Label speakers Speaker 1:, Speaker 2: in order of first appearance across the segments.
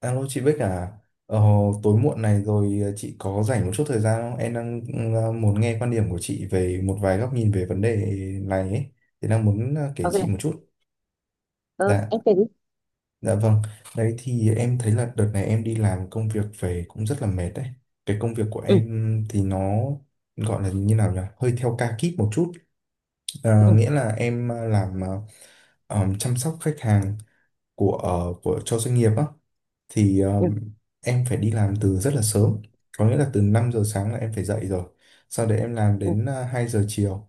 Speaker 1: Alo chị Bích à, ờ, tối muộn này rồi, chị có rảnh một chút thời gian không? Em đang muốn nghe quan điểm của chị về một vài góc nhìn về vấn đề này ấy. Thì đang muốn kể chị một
Speaker 2: OK.
Speaker 1: chút.
Speaker 2: Ừ,
Speaker 1: Dạ,
Speaker 2: em kể đi.
Speaker 1: dạ vâng. Đấy thì em thấy là đợt này em đi làm công việc về cũng rất là mệt đấy. Cái công việc của
Speaker 2: Ừ,
Speaker 1: em thì nó gọi là như nào nhỉ? Hơi theo ca kíp một chút. Ờ,
Speaker 2: ừ,
Speaker 1: nghĩa là em làm, chăm sóc khách hàng của, của cho doanh nghiệp á. Thì
Speaker 2: ừ,
Speaker 1: em phải đi làm từ rất là sớm, có nghĩa là từ 5 giờ sáng là em phải dậy rồi. Sau đấy em làm
Speaker 2: ừ,
Speaker 1: đến 2 giờ chiều.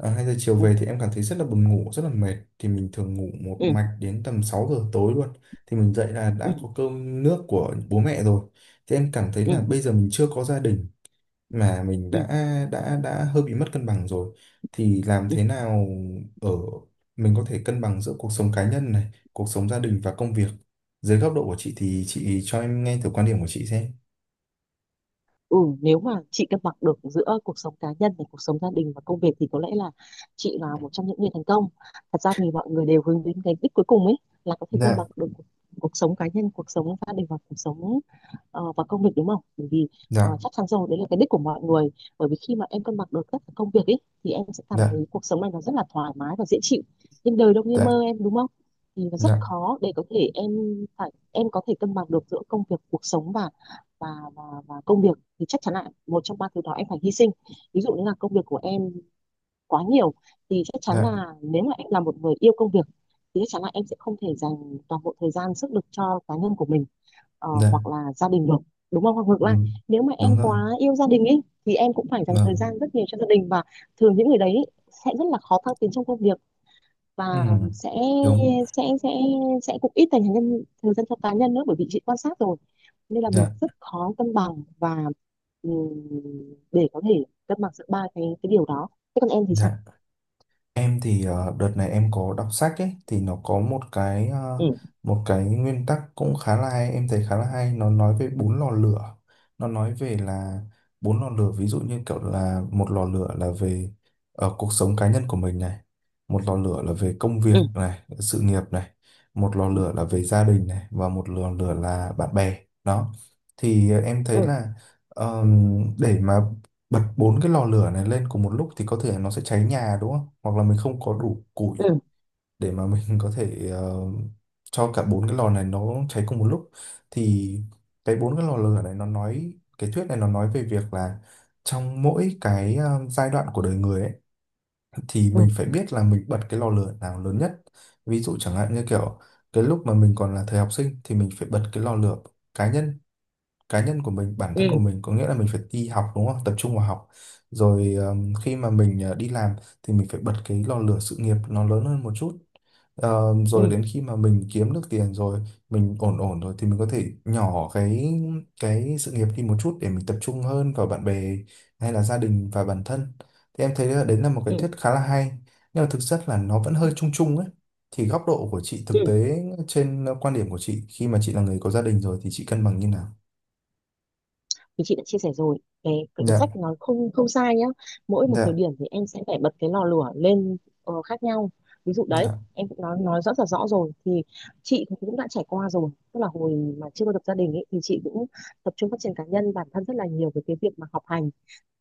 Speaker 1: 2 giờ chiều
Speaker 2: ừ,
Speaker 1: về thì em cảm thấy rất là buồn ngủ, rất là mệt, thì mình thường ngủ một
Speaker 2: ừ,
Speaker 1: mạch đến tầm 6 giờ tối luôn. Thì mình dậy là
Speaker 2: ừ,
Speaker 1: đã có cơm nước của bố mẹ rồi. Thì em cảm thấy
Speaker 2: ừ,
Speaker 1: là bây giờ mình chưa có gia đình mà mình
Speaker 2: ừ,
Speaker 1: đã hơi bị mất cân bằng rồi. Thì làm
Speaker 2: ừ.
Speaker 1: thế nào ở mình có thể cân bằng giữa cuộc sống cá nhân này, cuộc sống gia đình và công việc. Dưới góc độ của chị thì chị cho em nghe thử quan điểm của chị xem.
Speaker 2: Ừ, nếu mà chị cân bằng được giữa cuộc sống cá nhân và cuộc sống gia đình và công việc thì có lẽ là chị là một trong những người thành công. Thật ra thì mọi người đều hướng đến cái đích cuối cùng ấy là có thể cân bằng
Speaker 1: Dạ,
Speaker 2: được cuộc sống cá nhân, cuộc sống gia đình và cuộc sống và công việc, đúng không? Bởi vì
Speaker 1: dạ,
Speaker 2: chắc chắn rồi, đấy là cái đích của mọi người. Bởi vì khi mà em cân bằng được tất cả công việc ấy thì em sẽ cảm
Speaker 1: dạ,
Speaker 2: thấy cuộc sống này nó rất là thoải mái và dễ chịu. Nhưng đời đâu như
Speaker 1: dạ,
Speaker 2: mơ em, đúng không? Thì nó rất
Speaker 1: dạ,
Speaker 2: khó để có thể em phải em có thể cân bằng được giữa công việc, cuộc sống và và công việc, thì chắc chắn là một trong ba thứ đó em phải hy sinh. Ví dụ như là công việc của em quá nhiều thì chắc chắn
Speaker 1: dạ,
Speaker 2: là nếu mà em là một người yêu công việc thì chắc chắn là em sẽ không thể dành toàn bộ thời gian sức lực cho cá nhân của mình
Speaker 1: dạ,
Speaker 2: hoặc là gia đình được, đúng không? Hoặc ngược
Speaker 1: ừ,
Speaker 2: lại, nếu mà em
Speaker 1: đúng rồi,
Speaker 2: quá yêu gia đình ấy thì em cũng phải dành thời
Speaker 1: vâng,
Speaker 2: gian rất nhiều cho gia đình, và thường những người đấy ý sẽ rất là khó thăng tiến trong công việc, và
Speaker 1: ừ,
Speaker 2: sẽ
Speaker 1: đúng,
Speaker 2: sẽ sẽ sẽ cũng ít dành thời gian cho cá nhân nữa, bởi vì chị quan sát rồi. Nên là mình
Speaker 1: dạ,
Speaker 2: rất khó cân bằng và, ừ, để có thể cân bằng giữa ba cái điều đó. Thế còn em thì sao?
Speaker 1: dạ. Em thì đợt này em có đọc sách ấy, thì nó có một cái,
Speaker 2: Ừ,
Speaker 1: một cái nguyên tắc cũng khá là hay, em thấy khá là hay. Nó nói về bốn lò lửa. Nó nói về là bốn lò lửa, ví dụ như kiểu là một lò lửa là về cuộc sống cá nhân của mình này, một lò lửa là về công việc
Speaker 2: ừ,
Speaker 1: này, sự nghiệp này, một lò
Speaker 2: ừ,
Speaker 1: lửa là về gia đình này, và một lò lửa là bạn bè đó. Thì em thấy
Speaker 2: ừ,
Speaker 1: là, để mà bật bốn cái lò lửa này lên cùng một lúc thì có thể nó sẽ cháy nhà đúng không? Hoặc là mình không có đủ củi
Speaker 2: ừ,
Speaker 1: để mà mình có thể, cho cả bốn cái lò này nó cháy cùng một lúc. Thì cái bốn cái lò lửa này nó nói, cái thuyết này nó nói về việc là trong mỗi cái, giai đoạn của đời người ấy, thì
Speaker 2: ừ,
Speaker 1: mình phải biết là mình bật cái lò lửa nào lớn nhất. Ví dụ chẳng hạn như kiểu cái lúc mà mình còn là thời học sinh thì mình phải bật cái lò lửa cá nhân, cá nhân của mình, bản
Speaker 2: ừ,
Speaker 1: thân của mình, có nghĩa là mình phải đi học đúng không, tập trung vào học. Rồi khi mà mình đi làm thì mình phải bật cái lò lửa sự nghiệp nó lớn hơn một chút. Ờ,
Speaker 2: ừ,
Speaker 1: rồi đến khi mà mình kiếm được tiền rồi, mình ổn ổn rồi, thì mình có thể nhỏ cái sự nghiệp đi một chút để mình tập trung hơn vào bạn bè hay là gia đình và bản thân. Thì em thấy là đấy là một cái
Speaker 2: ừ,
Speaker 1: thuyết khá là hay, nhưng mà thực chất là nó vẫn hơi chung chung ấy. Thì góc độ của chị thực
Speaker 2: ừ.
Speaker 1: tế trên, quan điểm của chị, khi mà chị là người có gia đình rồi thì chị cân bằng như nào?
Speaker 2: Thì chị đã chia sẻ rồi, cái
Speaker 1: Dạ,
Speaker 2: sách nó không không sai nhá. Mỗi một thời
Speaker 1: dạ,
Speaker 2: điểm thì em sẽ phải bật cái lò lửa lên khác nhau. Ví dụ đấy,
Speaker 1: dạ,
Speaker 2: em cũng nói rất là rõ rồi. Thì chị thì cũng đã trải qua rồi, tức là hồi mà chưa có lập gia đình ấy, thì chị cũng tập trung phát triển cá nhân bản thân rất là nhiều về cái việc mà học hành.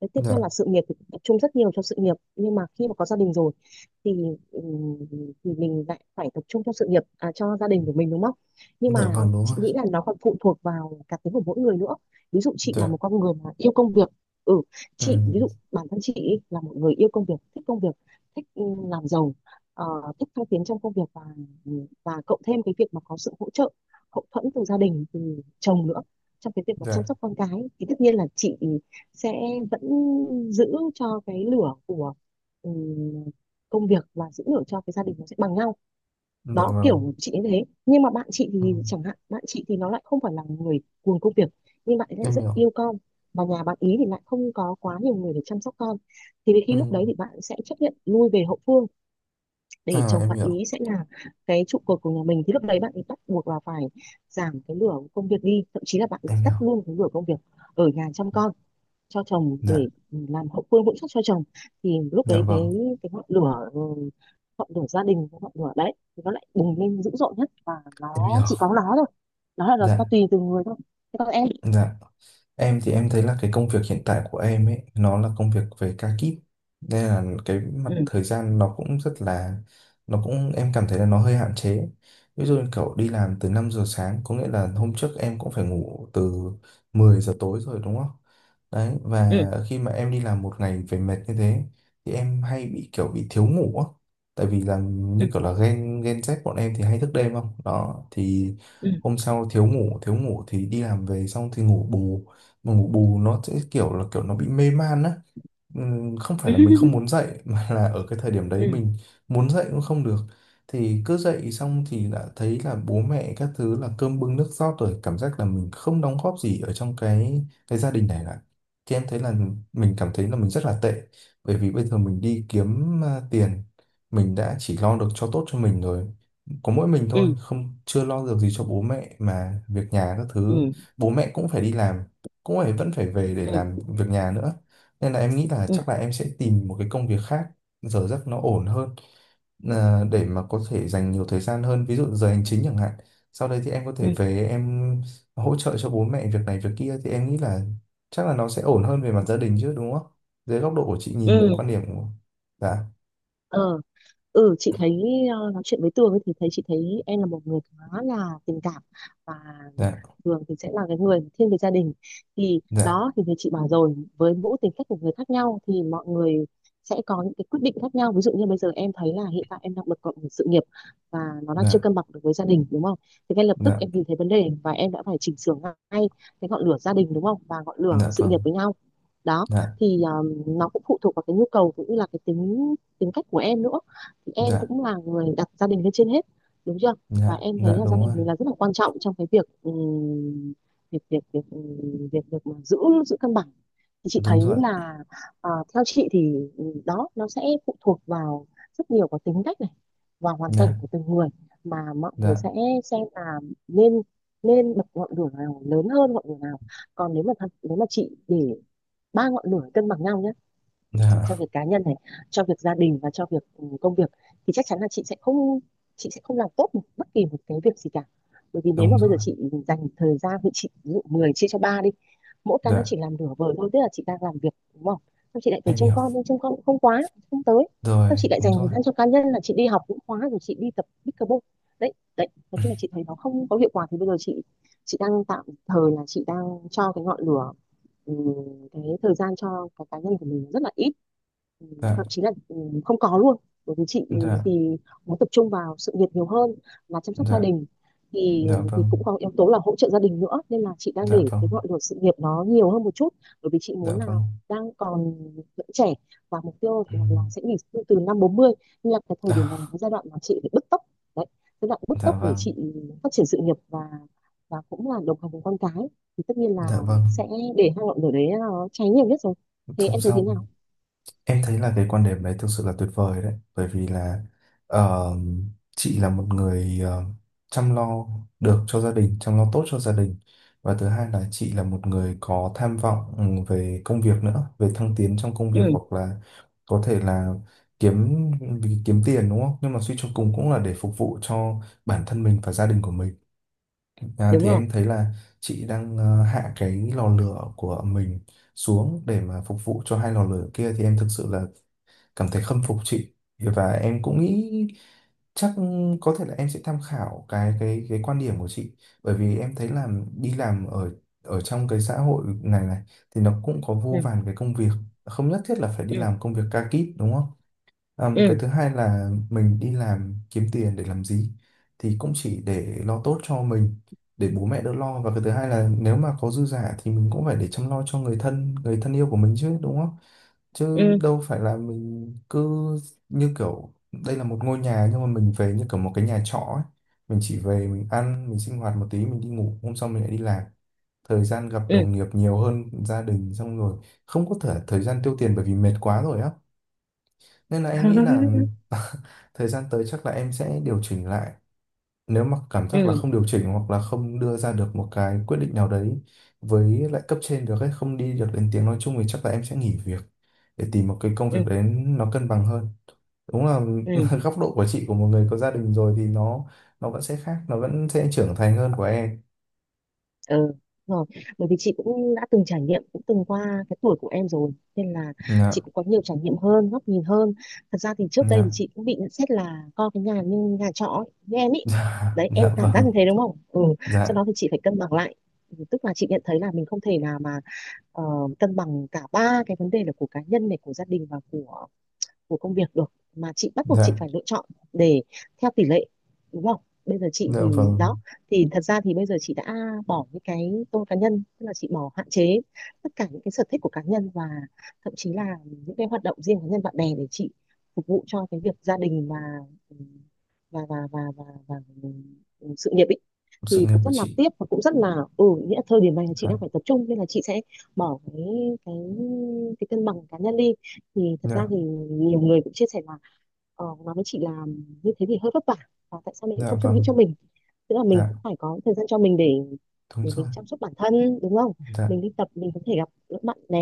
Speaker 2: Đấy, tiếp
Speaker 1: dạ,
Speaker 2: theo là sự nghiệp thì tập trung rất nhiều cho sự nghiệp, nhưng mà khi mà có gia đình rồi thì ừm, thì mình lại phải tập trung cho sự nghiệp, à, cho gia đình của mình, đúng không? Nhưng
Speaker 1: dạ
Speaker 2: mà
Speaker 1: vâng, đúng rồi.
Speaker 2: chị nghĩ là nó còn phụ thuộc vào cá tính của mỗi người nữa. Ví dụ chị là
Speaker 1: Dạ,
Speaker 2: một con người mà yêu công việc. Ừ,
Speaker 1: ừ,
Speaker 2: chị ví dụ bản thân chị ý là một người yêu công việc, thích làm giàu, ờ, thích thăng tiến trong công việc, và cộng thêm cái việc mà có sự hỗ trợ hậu thuẫn từ gia đình, từ chồng nữa, trong cái việc mà chăm
Speaker 1: dạ,
Speaker 2: sóc con cái, thì tất nhiên là chị sẽ vẫn giữ cho cái lửa của ừm, công việc và giữ lửa cho cái gia đình nó sẽ bằng nhau.
Speaker 1: dạ
Speaker 2: Đó,
Speaker 1: vâng,
Speaker 2: kiểu chị như thế. Nhưng mà bạn chị
Speaker 1: ừ,
Speaker 2: thì, chẳng hạn, bạn chị thì nó lại không phải là người cuồng công việc, nhưng bạn ấy lại
Speaker 1: em
Speaker 2: rất
Speaker 1: hiểu,
Speaker 2: yêu con, và nhà bạn ý thì lại không có quá nhiều người để chăm sóc con, thì đến khi lúc
Speaker 1: ừ,
Speaker 2: đấy thì bạn sẽ chấp nhận lui về hậu phương, để
Speaker 1: à
Speaker 2: chồng bạn ý sẽ là cái trụ cột của nhà mình. Thì lúc đấy bạn ấy bắt buộc là phải giảm cái lửa công việc đi, thậm chí là bạn ấy
Speaker 1: em
Speaker 2: tắt
Speaker 1: hiểu,
Speaker 2: luôn cái lửa công việc, ở nhà chăm con cho chồng để
Speaker 1: dạ,
Speaker 2: làm hậu phương vững chắc cho chồng. Thì lúc
Speaker 1: dạ
Speaker 2: đấy
Speaker 1: vâng,
Speaker 2: cái ngọn lửa, ngọn lửa gia đình, cái ngọn lửa đấy thì nó lại bùng lên dữ dội nhất, và
Speaker 1: em
Speaker 2: nó
Speaker 1: hiểu,
Speaker 2: chỉ có nó thôi. Nó là nó
Speaker 1: dạ.
Speaker 2: tùy từ người thôi. Thế còn em?
Speaker 1: Dạ, em thì em thấy là cái công việc hiện tại của em ấy, nó là công việc về ca kíp. Nên là cái mặt
Speaker 2: Ừ,
Speaker 1: thời gian nó cũng rất là, nó cũng, em cảm thấy là nó hơi hạn chế. Ví dụ như kiểu đi làm từ 5 giờ sáng, có nghĩa là hôm trước em cũng phải ngủ từ 10 giờ tối rồi đúng không? Đấy,
Speaker 2: ừ,
Speaker 1: và khi mà em đi làm một ngày về mệt như thế, thì em hay bị kiểu bị thiếu ngủ á. Tại vì là
Speaker 2: ừ,
Speaker 1: như kiểu là gen Z bọn em thì hay thức đêm không? Đó, thì
Speaker 2: ừ,
Speaker 1: hôm sau thiếu ngủ thì đi làm về xong thì ngủ bù, mà ngủ bù nó sẽ kiểu là kiểu nó bị mê man á. Không phải là mình không muốn dậy mà là ở cái thời điểm
Speaker 2: ừ,
Speaker 1: đấy mình muốn dậy cũng không được. Thì cứ dậy xong thì đã thấy là bố mẹ các thứ là cơm bưng nước rót rồi, cảm giác là mình không đóng góp gì ở trong cái gia đình này cả. Thì em thấy là mình cảm thấy là mình rất là tệ, bởi vì bây giờ mình đi kiếm tiền, mình đã chỉ lo được cho tốt cho mình rồi, có mỗi mình thôi
Speaker 2: ừ,
Speaker 1: không, chưa lo được gì cho bố mẹ, mà việc nhà các
Speaker 2: ừ,
Speaker 1: thứ bố mẹ cũng phải đi làm, cũng phải vẫn phải về để
Speaker 2: ừ,
Speaker 1: làm việc nhà nữa. Nên là em nghĩ là
Speaker 2: ừ,
Speaker 1: chắc là em sẽ tìm một cái công việc khác giờ giấc nó ổn hơn, để mà có thể dành nhiều thời gian hơn, ví dụ giờ hành chính chẳng hạn, sau đây thì em có
Speaker 2: ừ,
Speaker 1: thể
Speaker 2: ừ,
Speaker 1: về em hỗ trợ cho bố mẹ việc này việc kia. Thì em nghĩ là chắc là nó sẽ ổn hơn về mặt gia đình chứ đúng không. Dưới góc độ của chị nhìn
Speaker 2: ừ.
Speaker 1: quan điểm của. Dạ,
Speaker 2: Ờ, chị thấy nói chuyện với Tường ấy, thì thấy chị thấy em là một người khá là tình cảm, và
Speaker 1: dạ,
Speaker 2: thường thì sẽ là cái người thiên về gia đình. Thì
Speaker 1: dạ,
Speaker 2: đó, thì như chị bảo rồi, với mỗi tính cách của người khác nhau thì mọi người sẽ có những cái quyết định khác nhau. Ví dụ như bây giờ em thấy là hiện tại em đang bật cộng sự nghiệp và nó đang chưa
Speaker 1: dạ,
Speaker 2: cân bằng được với gia đình, đúng không? Thì ngay lập tức
Speaker 1: dạ,
Speaker 2: em nhìn thấy vấn đề và em đã phải chỉnh sửa ngay cái ngọn lửa gia đình, đúng không, và ngọn lửa
Speaker 1: dạ
Speaker 2: sự nghiệp
Speaker 1: vâng,
Speaker 2: với nhau. Đó,
Speaker 1: dạ,
Speaker 2: thì nó cũng phụ thuộc vào cái nhu cầu cũng như là cái tính tính cách của em nữa. Thì em
Speaker 1: dạ,
Speaker 2: cũng là người đặt gia đình lên trên hết, đúng chưa? Và
Speaker 1: dạ,
Speaker 2: em thấy
Speaker 1: dạ
Speaker 2: là gia
Speaker 1: đúng
Speaker 2: đình
Speaker 1: rồi,
Speaker 2: mình là rất là quan trọng trong cái việc, việc việc việc việc việc mà giữ giữ cân bằng. Thì chị thấy
Speaker 1: đúng rồi,
Speaker 2: là, à, theo chị thì, đó, nó sẽ phụ thuộc vào rất nhiều vào tính cách này và hoàn
Speaker 1: dạ,
Speaker 2: cảnh của từng người mà mọi người
Speaker 1: dạ,
Speaker 2: sẽ xem là nên nên bật ngọn lửa nào lớn hơn ngọn lửa nào. Còn nếu mà nếu mà chị để ba ngọn lửa cân bằng nhau nhá, cho
Speaker 1: dạ,
Speaker 2: việc cá nhân này, cho việc gia đình, và cho việc công việc, thì chắc chắn là chị sẽ không làm tốt bất kỳ một cái việc gì cả. Bởi vì nếu
Speaker 1: đúng
Speaker 2: mà bây
Speaker 1: rồi,
Speaker 2: giờ chị dành thời gian, thì chị ví dụ 10 chia cho ba đi, mỗi cái nó
Speaker 1: dạ,
Speaker 2: chỉ làm nửa vời thôi. Tức là chị đang làm việc, đúng không, xong chị lại phải
Speaker 1: em
Speaker 2: trông
Speaker 1: hiểu
Speaker 2: con nhưng trông con cũng không quá, không tới. Xong
Speaker 1: rồi,
Speaker 2: chị lại
Speaker 1: đúng
Speaker 2: dành thời
Speaker 1: rồi.
Speaker 2: gian cho cá nhân là chị đi học cũng khóa rồi, chị đi tập pickleball. Đấy đấy, nói chung là chị thấy nó không có hiệu quả. Thì bây giờ chị đang tạm thời là chị đang cho cái ngọn lửa, ừ, cái thời gian cho cái cá nhân của mình rất là ít. Ừ,
Speaker 1: Dạ,
Speaker 2: Thậm chí là không có luôn, bởi vì chị
Speaker 1: dạ,
Speaker 2: thì muốn tập trung vào sự nghiệp nhiều hơn là chăm sóc gia
Speaker 1: dạ,
Speaker 2: đình. thì
Speaker 1: dạ
Speaker 2: thì
Speaker 1: vâng,
Speaker 2: cũng có yếu tố là hỗ trợ gia đình nữa, nên là chị đang
Speaker 1: dạ
Speaker 2: để
Speaker 1: vâng,
Speaker 2: cái ngọn lửa sự nghiệp nó nhiều hơn một chút, bởi vì chị
Speaker 1: dạ
Speaker 2: muốn là
Speaker 1: vâng.
Speaker 2: đang còn vẫn trẻ, và mục tiêu là
Speaker 1: Ừm,
Speaker 2: sẽ nghỉ hưu từ năm bốn mươi. Nên là cái thời điểm này là
Speaker 1: à,
Speaker 2: cái giai đoạn mà chị phải bứt tốc. Đấy, giai đoạn bứt
Speaker 1: dạ
Speaker 2: tốc để
Speaker 1: vâng,
Speaker 2: chị phát triển sự nghiệp, và cũng là đồng hành cùng con cái. Thì tất nhiên là
Speaker 1: dạ vâng,
Speaker 2: sẽ để hai ngọn lửa đấy nó cháy nhiều nhất rồi. Thế
Speaker 1: song
Speaker 2: em thấy thế
Speaker 1: song.
Speaker 2: nào?
Speaker 1: Em thấy là cái quan điểm đấy thực sự là tuyệt vời đấy, bởi vì là ờ, chị là một người chăm lo được cho gia đình, chăm lo tốt cho gia đình, và thứ hai là chị là một người có tham vọng, về công việc nữa, về thăng tiến trong công việc, hoặc là có thể là kiếm, vì kiếm tiền đúng không? Nhưng mà suy cho cùng cũng là để phục vụ cho bản thân mình và gia đình của mình. À,
Speaker 2: Đúng
Speaker 1: thì
Speaker 2: rồi.
Speaker 1: em thấy là chị đang hạ cái lò lửa của mình xuống để mà phục vụ cho hai lò lửa kia, thì em thực sự là cảm thấy khâm phục chị. Và em cũng nghĩ chắc có thể là em sẽ tham khảo cái quan điểm của chị, bởi vì em thấy là đi làm ở ở trong cái xã hội này này thì nó cũng có vô
Speaker 2: Ừ,
Speaker 1: vàn cái công việc, không nhất thiết là phải đi
Speaker 2: ừ,
Speaker 1: làm công việc ca kíp đúng không. Ừm,
Speaker 2: ừ,
Speaker 1: cái thứ hai là mình đi làm kiếm tiền để làm gì, thì cũng chỉ để lo tốt cho mình, để bố mẹ đỡ lo, và cái thứ hai là nếu mà có dư giả thì mình cũng phải để chăm lo cho người thân, người thân yêu của mình chứ đúng không. Chứ
Speaker 2: ừ,
Speaker 1: đâu phải là mình cứ như kiểu đây là một ngôi nhà nhưng mà mình về như kiểu một cái nhà trọ ấy. Mình chỉ về mình ăn mình sinh hoạt một tí mình đi ngủ, hôm sau mình lại đi làm, thời gian gặp
Speaker 2: ừ,
Speaker 1: đồng nghiệp nhiều hơn gia đình, xong rồi không có thể thời gian tiêu tiền bởi vì mệt quá rồi á. Nên là em nghĩ là thời gian tới chắc là em sẽ điều chỉnh lại. Nếu mà cảm giác là
Speaker 2: ừ,
Speaker 1: không điều chỉnh hoặc là không đưa ra được một cái quyết định nào đấy với lại cấp trên được ấy, không đi được đến tiếng nói chung, thì chắc là em sẽ nghỉ việc để tìm một cái công việc
Speaker 2: ừ,
Speaker 1: đấy nó cân bằng hơn. Đúng là
Speaker 2: ừ,
Speaker 1: góc độ của chị, của một người có gia đình rồi, thì nó vẫn sẽ khác, nó vẫn sẽ trưởng thành hơn của em.
Speaker 2: ừ. Đúng rồi, bởi vì chị cũng đã từng trải nghiệm, cũng từng qua cái tuổi của em rồi, nên là chị
Speaker 1: Dạ,
Speaker 2: cũng có nhiều trải nghiệm hơn, góc nhìn hơn. Thật ra thì trước đây
Speaker 1: dạ,
Speaker 2: thì chị cũng bị nhận xét là coi cái nhà như nhà trọ ấy, như em ý.
Speaker 1: dạ,
Speaker 2: Đấy, em
Speaker 1: dạ
Speaker 2: cảm giác
Speaker 1: vâng,
Speaker 2: như thế đúng không? Ừ, sau
Speaker 1: dạ,
Speaker 2: đó thì chị phải cân bằng lại. Ừ, tức là chị nhận thấy là mình không thể nào mà ờ, cân bằng cả ba cái vấn đề là của cá nhân này, của gia đình, và của công việc được, mà chị bắt buộc chị
Speaker 1: dạ,
Speaker 2: phải lựa chọn để theo tỷ lệ, đúng không? Bây giờ chị
Speaker 1: dạ
Speaker 2: thì
Speaker 1: vâng,
Speaker 2: đó, thì thật ra thì bây giờ chị đã bỏ những cái tôi cá nhân, tức là chị bỏ hạn chế tất cả những cái sở thích của cá nhân, và thậm chí là những cái hoạt động riêng cá nhân bạn bè, để chị phục vụ cho cái việc gia đình và và và và và, và, và sự nghiệp ý.
Speaker 1: sự
Speaker 2: Thì
Speaker 1: nghiệp
Speaker 2: cũng
Speaker 1: của
Speaker 2: rất là
Speaker 1: chị.
Speaker 2: tiếc, và cũng rất là, ừ, nghĩa là thời điểm này là chị
Speaker 1: Dạ,
Speaker 2: đang phải tập trung nên là chị sẽ bỏ cái cái cân bằng cá nhân đi. Thì thật ra
Speaker 1: dạ,
Speaker 2: thì nhiều người cũng chia sẻ là nó với chị là như thế thì hơi vất vả, và tại sao mình
Speaker 1: dạ
Speaker 2: không suy nghĩ
Speaker 1: vâng,
Speaker 2: cho mình, tức là mình
Speaker 1: dạ,
Speaker 2: cũng phải có thời gian cho mình
Speaker 1: đúng
Speaker 2: để
Speaker 1: rồi.
Speaker 2: mình chăm sóc bản thân, đúng không?
Speaker 1: Dạ,
Speaker 2: Mình đi tập, mình có thể gặp các bạn bè,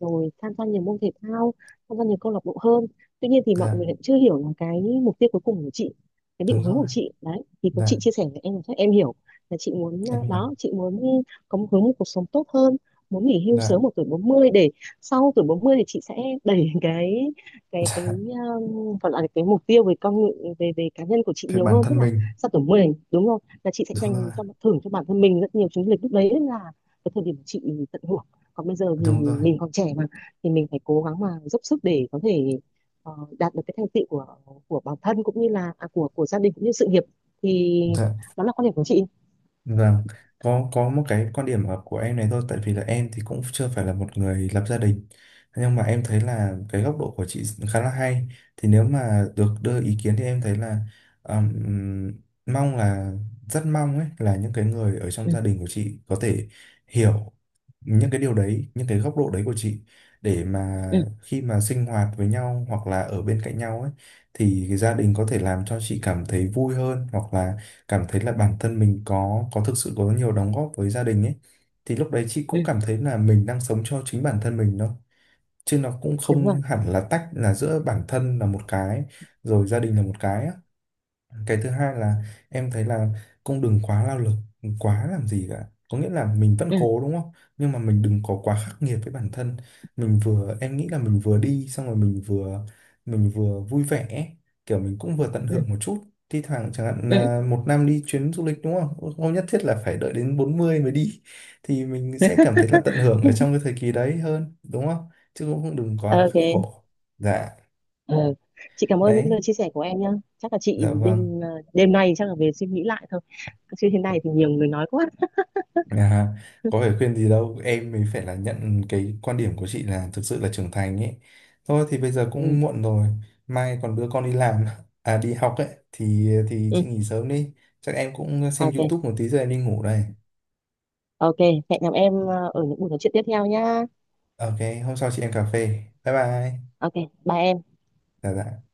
Speaker 2: rồi tham gia nhiều môn thể thao, tham gia nhiều câu lạc bộ hơn. Tuy nhiên thì mọi
Speaker 1: dạ,
Speaker 2: người lại chưa hiểu là cái mục tiêu cuối cùng của chị, cái định
Speaker 1: đúng
Speaker 2: hướng
Speaker 1: rồi,
Speaker 2: của chị đấy, thì có
Speaker 1: dạ,
Speaker 2: chị chia sẻ với em là chắc em hiểu, là chị muốn, à,
Speaker 1: em hiểu,
Speaker 2: đó, chị muốn có một hướng một cuộc sống tốt hơn, muốn nghỉ hưu
Speaker 1: dạ.
Speaker 2: sớm ở tuổi bốn mươi, để sau tuổi 40 thì chị sẽ đẩy cái
Speaker 1: Dạ,
Speaker 2: gọi là cái mục tiêu về con người- về về cá nhân của chị
Speaker 1: về
Speaker 2: nhiều
Speaker 1: bản
Speaker 2: hơn, tức
Speaker 1: thân
Speaker 2: là
Speaker 1: mình,
Speaker 2: sau tuổi 10 đúng không, là chị sẽ
Speaker 1: đúng
Speaker 2: dành
Speaker 1: rồi,
Speaker 2: cho, thưởng cho bản thân mình rất nhiều chuyến du lịch. Lúc đấy là cái thời điểm mà chị tận hưởng. Còn bây giờ thì
Speaker 1: đúng rồi,
Speaker 2: mình còn trẻ mà, thì mình phải cố gắng mà dốc sức để có thể ờ, đạt được cái thành tựu của bản thân, cũng như là của gia đình, cũng như sự nghiệp. Thì
Speaker 1: dạ.
Speaker 2: đó là quan điểm của chị.
Speaker 1: Vâng, có một cái quan điểm hợp của em này thôi, tại vì là em thì cũng chưa phải là một người lập gia đình, nhưng mà em thấy là cái góc độ của chị khá là hay. Thì nếu mà được đưa ý kiến thì em thấy là, ừm, mong là, rất mong ấy, là những cái người ở trong
Speaker 2: Ừ,
Speaker 1: gia đình của chị có thể hiểu những cái điều đấy, những cái góc độ đấy của chị, để mà
Speaker 2: ừ,
Speaker 1: khi mà sinh hoạt với nhau hoặc là ở bên cạnh nhau ấy, thì gia đình có thể làm cho chị cảm thấy vui hơn, hoặc là cảm thấy là bản thân mình có thực sự có nhiều đóng góp với gia đình ấy, thì lúc đấy chị
Speaker 2: ừ,
Speaker 1: cũng cảm thấy là mình đang sống cho chính bản thân mình thôi, chứ nó cũng
Speaker 2: đúng rồi,
Speaker 1: không hẳn là tách là giữa bản thân là một cái rồi gia đình là một cái á. Cái thứ hai là em thấy là cũng đừng quá lao lực quá làm gì cả, có nghĩa là mình vẫn
Speaker 2: ừ,
Speaker 1: cố đúng không, nhưng mà mình đừng có quá khắc nghiệt với bản thân mình vừa, em nghĩ là mình vừa đi xong rồi mình vừa, mình vừa vui vẻ, kiểu mình cũng vừa tận
Speaker 2: ừ,
Speaker 1: hưởng một chút. Thi thoảng chẳng hạn
Speaker 2: ừ,
Speaker 1: là một năm đi chuyến du lịch đúng không, không nhất thiết là phải đợi đến 40 mới đi, thì mình sẽ cảm thấy là tận hưởng ở trong cái thời kỳ đấy hơn đúng không, chứ cũng không, đừng quá
Speaker 2: OK.
Speaker 1: khổ. Dạ.
Speaker 2: Ờ, chị cảm ơn những
Speaker 1: Đấy.
Speaker 2: lời chia sẻ của em nhá. Chắc là chị
Speaker 1: Dạ vâng.
Speaker 2: đêm nay chắc là về suy nghĩ lại thôi, chứ thế này thì nhiều người nói quá.
Speaker 1: À, có phải khuyên gì đâu, em mới phải là nhận cái quan điểm của chị là thực sự là trưởng thành ấy. Thôi thì bây giờ
Speaker 2: Ừ,
Speaker 1: cũng muộn rồi, mai còn đưa con đi làm à đi học ấy, thì
Speaker 2: ừ,
Speaker 1: chị nghỉ sớm đi. Chắc em cũng xem
Speaker 2: OK.
Speaker 1: YouTube một tí rồi em đi ngủ đây.
Speaker 2: OK, hẹn gặp em ở những buổi nói chuyện tiếp theo nhá.
Speaker 1: OK, hôm sau chị em cà phê. Bye bye.
Speaker 2: OK, bye em.
Speaker 1: Dạ dạ.